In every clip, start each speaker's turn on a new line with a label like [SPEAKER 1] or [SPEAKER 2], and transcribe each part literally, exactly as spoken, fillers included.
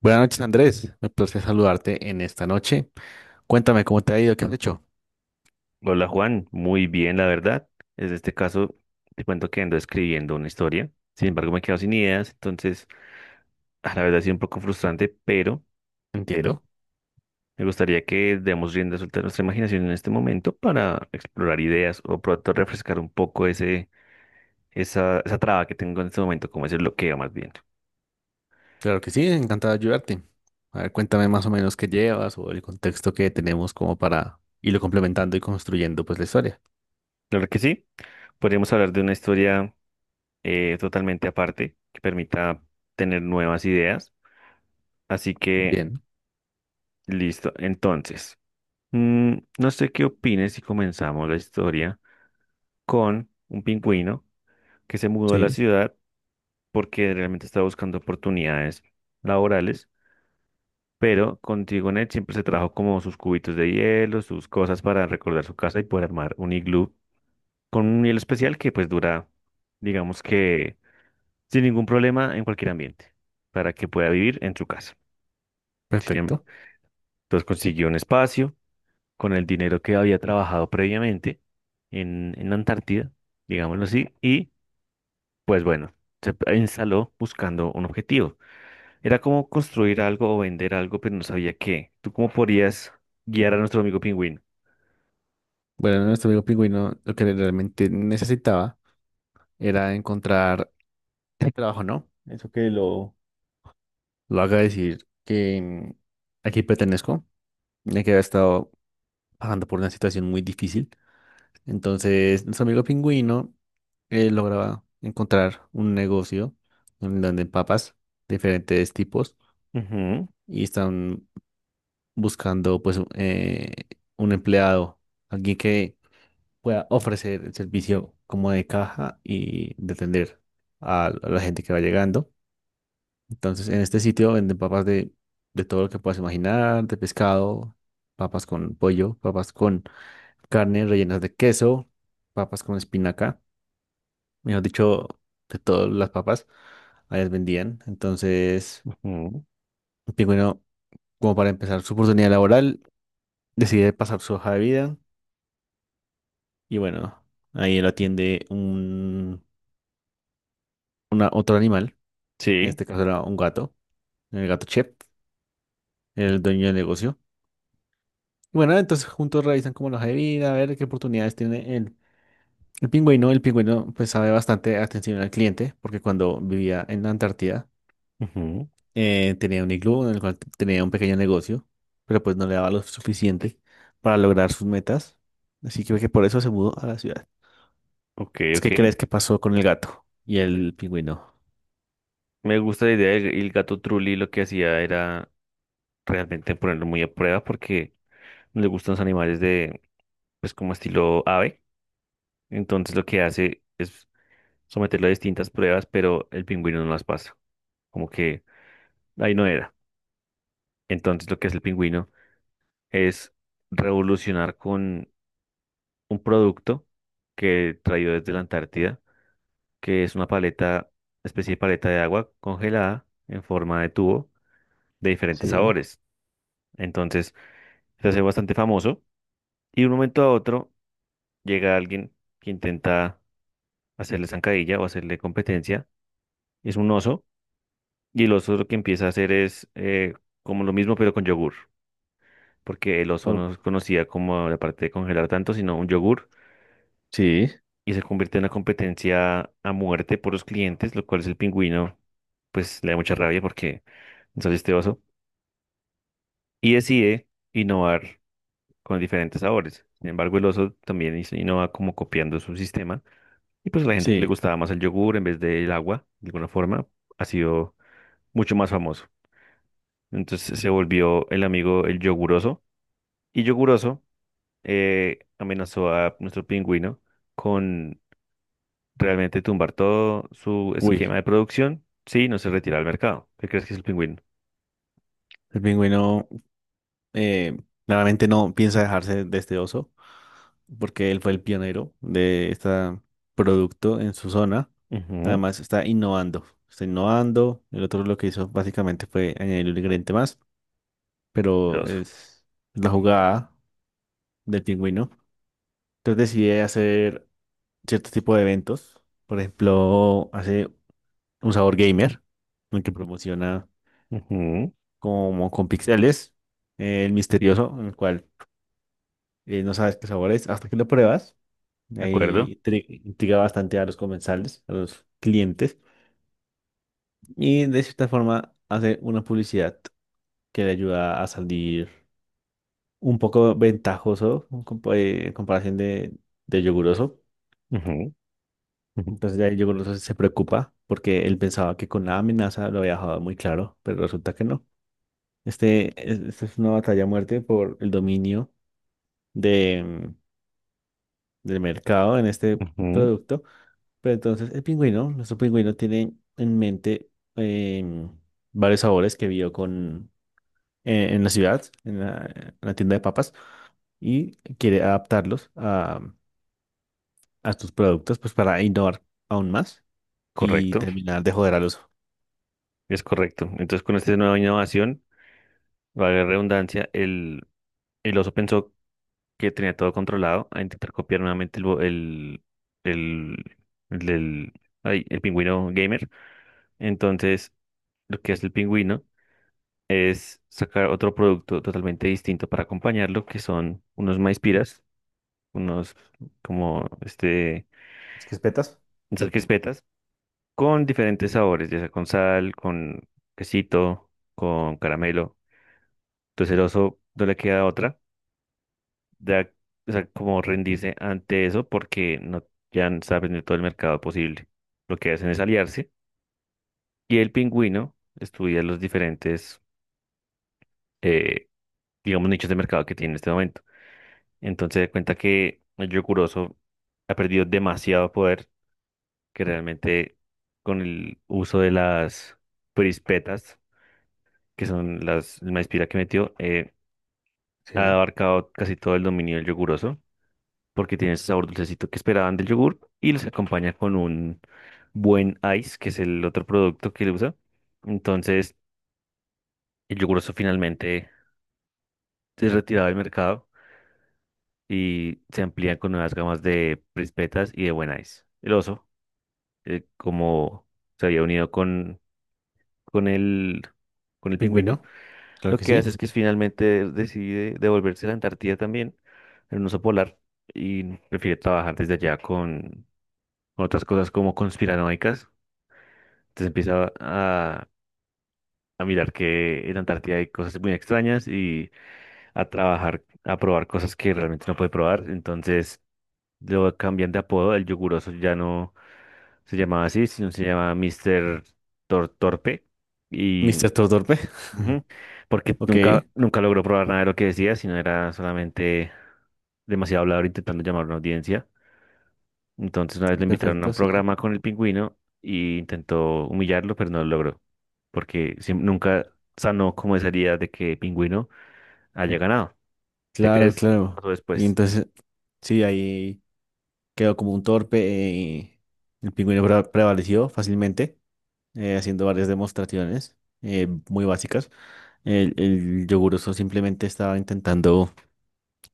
[SPEAKER 1] Buenas noches, Andrés. Me place saludarte en esta noche. Cuéntame cómo te ha ido, qué has hecho.
[SPEAKER 2] Hola Juan, muy bien la verdad. En este caso te cuento que ando escribiendo una historia. Sin embargo, me quedo sin ideas, entonces a la verdad ha sido un poco frustrante, pero, pero
[SPEAKER 1] Entiendo.
[SPEAKER 2] me gustaría que demos rienda suelta a nuestra imaginación en este momento para explorar ideas o pronto refrescar un poco ese, esa, esa traba que tengo en este momento, como ese bloqueo más bien.
[SPEAKER 1] Claro que sí, encantado de ayudarte. A ver, cuéntame más o menos qué llevas o el contexto que tenemos como para irlo complementando y construyendo pues la historia.
[SPEAKER 2] Claro que sí, podríamos hablar de una historia eh, totalmente aparte que permita tener nuevas ideas. Así que,
[SPEAKER 1] Bien,
[SPEAKER 2] listo. Entonces. Mm, no sé qué opines si comenzamos la historia con un pingüino que se mudó a la
[SPEAKER 1] sí,
[SPEAKER 2] ciudad porque realmente estaba buscando oportunidades laborales, pero con Tigonet siempre se trajo como sus cubitos de hielo, sus cosas para recordar su casa y poder armar un iglú con un hielo especial que pues dura, digamos que sin ningún problema en cualquier ambiente para que pueda vivir en su casa. Sin em-
[SPEAKER 1] perfecto.
[SPEAKER 2] Entonces consiguió un espacio con el dinero que había trabajado previamente en, en la Antártida, digámoslo así, y pues bueno, se p- instaló buscando un objetivo. Era como construir algo o vender algo, pero no sabía qué. ¿Tú cómo podrías guiar a nuestro amigo pingüino?
[SPEAKER 1] Bueno, nuestro amigo pingüino lo que realmente necesitaba era encontrar el trabajo, ¿no? Eso que lo, lo haga decir que mm, aquí pertenezco, ya que había estado pasando por una situación muy difícil. Entonces, nuestro amigo pingüino eh, lograba encontrar un negocio en donde papas de diferentes tipos
[SPEAKER 2] Ujú,
[SPEAKER 1] y están buscando pues un eh, un empleado, alguien que pueda ofrecer el servicio como de caja y de atender a a la gente que va llegando. Entonces, en este sitio venden papas de, de todo lo que puedas imaginar: de pescado, papas con pollo, papas con carne rellenas de queso, papas con espinaca. Mejor dicho, de todas las papas, allá las vendían. Entonces,
[SPEAKER 2] ujú.
[SPEAKER 1] el pingüino, como para empezar su oportunidad laboral, decide pasar su hoja de vida y bueno, ahí lo atiende un una, otro animal, en
[SPEAKER 2] Sí.
[SPEAKER 1] este caso era un gato, el gato Chef, el dueño del negocio. Y bueno, entonces juntos revisan como la hoja de vida, a ver qué oportunidades tiene el, el pingüino. El pingüino pues sabe bastante atención al cliente, porque cuando vivía en la Antártida,
[SPEAKER 2] Ujú.
[SPEAKER 1] Eh, tenía un iglú en el cual tenía un pequeño negocio, pero pues no le daba lo suficiente para lograr sus metas. Así que creo que por eso se mudó a la ciudad.
[SPEAKER 2] Ok, ok.
[SPEAKER 1] ¿Qué crees que pasó con el gato y el pingüino?
[SPEAKER 2] Me gusta la idea. El, el gato Trulli lo que hacía era realmente ponerlo muy a prueba porque le gustan los animales de, pues como estilo ave. Entonces lo que hace es someterlo a distintas pruebas, pero el pingüino no las pasa. Como que ahí no era. Entonces lo que hace el pingüino es revolucionar con un producto que traído desde la Antártida, que es una paleta, especie de paleta de agua congelada en forma de tubo de diferentes
[SPEAKER 1] Sí.
[SPEAKER 2] sabores. Entonces se hace bastante famoso y de un momento a otro llega alguien que intenta hacerle zancadilla o hacerle competencia. Es un oso y el oso lo que empieza a hacer es eh, como lo mismo pero con yogur. Porque el oso
[SPEAKER 1] Oh,
[SPEAKER 2] no se conocía como la parte de congelar tanto, sino un yogur,
[SPEAKER 1] sí,
[SPEAKER 2] y se convierte en una competencia a muerte por los clientes, lo cual es el pingüino, pues le da mucha rabia porque no sale este oso, y decide innovar con diferentes sabores. Sin embargo, el oso también hizo- innova como copiando su sistema, y pues a la gente que le
[SPEAKER 1] sí.
[SPEAKER 2] gustaba más el yogur en vez del agua, de alguna forma, ha sido mucho más famoso. Entonces se volvió el amigo el yoguroso, y yoguroso eh, amenazó a nuestro pingüino con realmente tumbar todo su
[SPEAKER 1] Uy,
[SPEAKER 2] esquema de producción si no se retira al mercado. ¿Qué crees que es el pingüino?
[SPEAKER 1] el pingüino eh, claramente no piensa dejarse de este oso porque él fue el pionero de este producto en su zona.
[SPEAKER 2] Ujú.
[SPEAKER 1] Además está innovando, está innovando. El otro lo que hizo básicamente fue añadir un ingrediente más, pero
[SPEAKER 2] Los.
[SPEAKER 1] es la jugada del pingüino. Entonces decide hacer cierto tipo de eventos. Por ejemplo, hace un sabor gamer, en el que promociona
[SPEAKER 2] Ujú.
[SPEAKER 1] como con pixeles, eh, el misterioso, en el cual eh, no sabes qué sabor es hasta que lo pruebas.
[SPEAKER 2] ¿De acuerdo?
[SPEAKER 1] Ahí intri- intriga bastante a los comensales, a los clientes. Y de cierta forma hace una publicidad que le ayuda a salir un poco ventajoso en compa- eh, en comparación de, de yoguroso.
[SPEAKER 2] Ujú, ujú,
[SPEAKER 1] Entonces ya yo creo que se preocupa porque él pensaba que con la amenaza lo había dejado muy claro, pero resulta que no. Este, es- esta es una batalla a muerte por el dominio de, mm, del mercado en este
[SPEAKER 2] ujú.
[SPEAKER 1] producto. Pero entonces el pingüino, nuestro pingüino tiene en mente em, varios sabores que vio con, eh, en la ciudad, en la, en la tienda de papas, y quiere adaptarlos a, a tus productos pues para innovar aún más y
[SPEAKER 2] Correcto,
[SPEAKER 1] terminar de joder a los
[SPEAKER 2] es correcto. Entonces, con esta nueva innovación, valga la redundancia, el, el oso pensó que tenía todo controlado a intentar copiar nuevamente el, bo- el, el, el, del- ay, el pingüino gamer. Entonces, lo que hace el pingüino es sacar otro producto totalmente distinto para acompañarlo, que son unos maizpiras, unos como este,
[SPEAKER 1] espetas.
[SPEAKER 2] esas crispetas, con diferentes sabores, ya sea con sal, con quesito, con caramelo. Entonces el oso no le queda otra, ya, o sea, como rendirse ante eso porque no, ya está vendiendo todo el mercado posible. Lo que hacen es aliarse y el pingüino estudia los diferentes, eh, digamos, nichos de mercado que tiene en este momento. Entonces se cuenta que el Yokuroso ha perdido demasiado poder que realmente con el uso de las prispetas, que son las el maíz pira que metió, eh, ha
[SPEAKER 1] Sí.
[SPEAKER 2] abarcado casi todo el dominio del Yokuroso, porque tiene ese sabor dulcecito que esperaban del yogur y los acompaña con un buen ice, que es el otro producto que él usa. Entonces el Yokuroso finalmente se retiraba del mercado y se amplían con nuevas gamas de prispetas y de buen ice. El oso eh, como se había unido con, con el, con el pingüino,
[SPEAKER 1] Pingüino, claro
[SPEAKER 2] lo
[SPEAKER 1] que
[SPEAKER 2] que hace
[SPEAKER 1] sí.
[SPEAKER 2] es que finalmente decide devolverse a la Antártida también, en un oso polar, y prefiere trabajar desde allá con, con otras cosas como conspiranoicas. Entonces empieza a, a mirar que en Antártida hay cosas muy extrañas y a trabajar, a probar cosas que realmente no puede probar. Entonces lo cambian de apodo, el yoguroso ya no se llamaba así, sino se llama mister Tor- Torpe. Y
[SPEAKER 1] Mister Todo Torpe.
[SPEAKER 2] ujú. Porque
[SPEAKER 1] Ok,
[SPEAKER 2] nunca, nunca logró probar nada de lo que decía, sino era solamente demasiado hablador intentando llamar a una audiencia. Entonces una vez lo invitaron a
[SPEAKER 1] perfecto,
[SPEAKER 2] un
[SPEAKER 1] sí.
[SPEAKER 2] programa con el pingüino y intentó humillarlo, pero no lo logró, porque siem- nunca sanó como esa herida de que pingüino haya ganado. ¿Te
[SPEAKER 1] Claro,
[SPEAKER 2] crees qué
[SPEAKER 1] claro.
[SPEAKER 2] pasó
[SPEAKER 1] Y
[SPEAKER 2] después?
[SPEAKER 1] entonces, sí, ahí quedó como un torpe y el pingüino pre- prevaleció fácilmente, eh, haciendo varias demostraciones eh, muy básicas. El, el yoguroso simplemente estaba intentando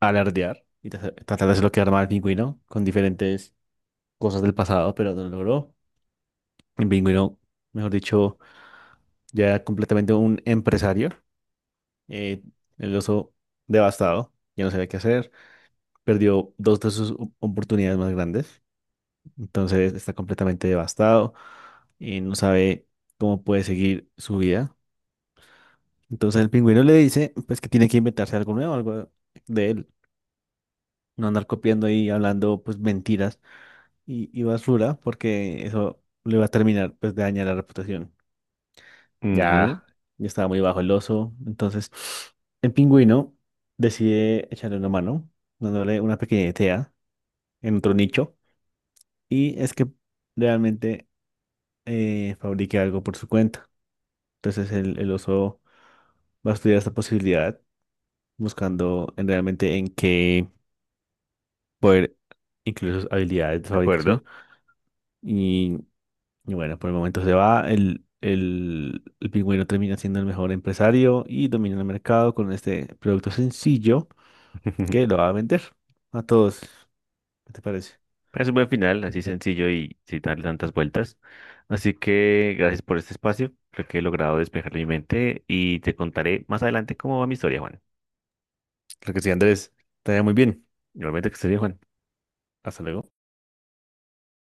[SPEAKER 1] alardear y tra- tratar de hacerlo quedar mal al pingüino con diferentes cosas del pasado, pero no lo logró. El pingüino, mejor dicho, ya era completamente un empresario. Eh, el oso devastado, ya no sabía qué hacer, perdió dos de sus o- oportunidades más grandes, entonces está completamente devastado y no sabe cómo puede seguir su vida. Entonces el pingüino le dice pues que tiene que inventarse algo nuevo, algo de él, no andar copiando y hablando pues mentiras y, y basura porque eso le va a terminar pues de dañar la reputación.
[SPEAKER 2] Ujú,
[SPEAKER 1] Ya, ya estaba muy bajo el oso. Entonces, el pingüino decide echarle una mano, dándole una pequeña idea en otro nicho. Y es que realmente eh, fabrique algo por su cuenta. Entonces, el, el oso va a estudiar esta posibilidad, buscando en realmente en qué poder incluir sus habilidades de
[SPEAKER 2] de acuerdo.
[SPEAKER 1] fabricación. Y, y bueno, por el momento se va. El, el, el pingüino termina siendo el mejor empresario y domina el mercado con este producto sencillo. ¿Qué? ¿Lo va a vender a todos? ¿Qué te parece?
[SPEAKER 2] Es un buen final, así sencillo y sin darle tantas vueltas. Así que gracias por este espacio. Creo que he logrado despejar mi mente y te contaré más adelante cómo va mi historia, Juan.
[SPEAKER 1] Lo que sí, Andrés, te vaya muy bien.
[SPEAKER 2] Normalmente que ese viejo
[SPEAKER 1] Hasta luego.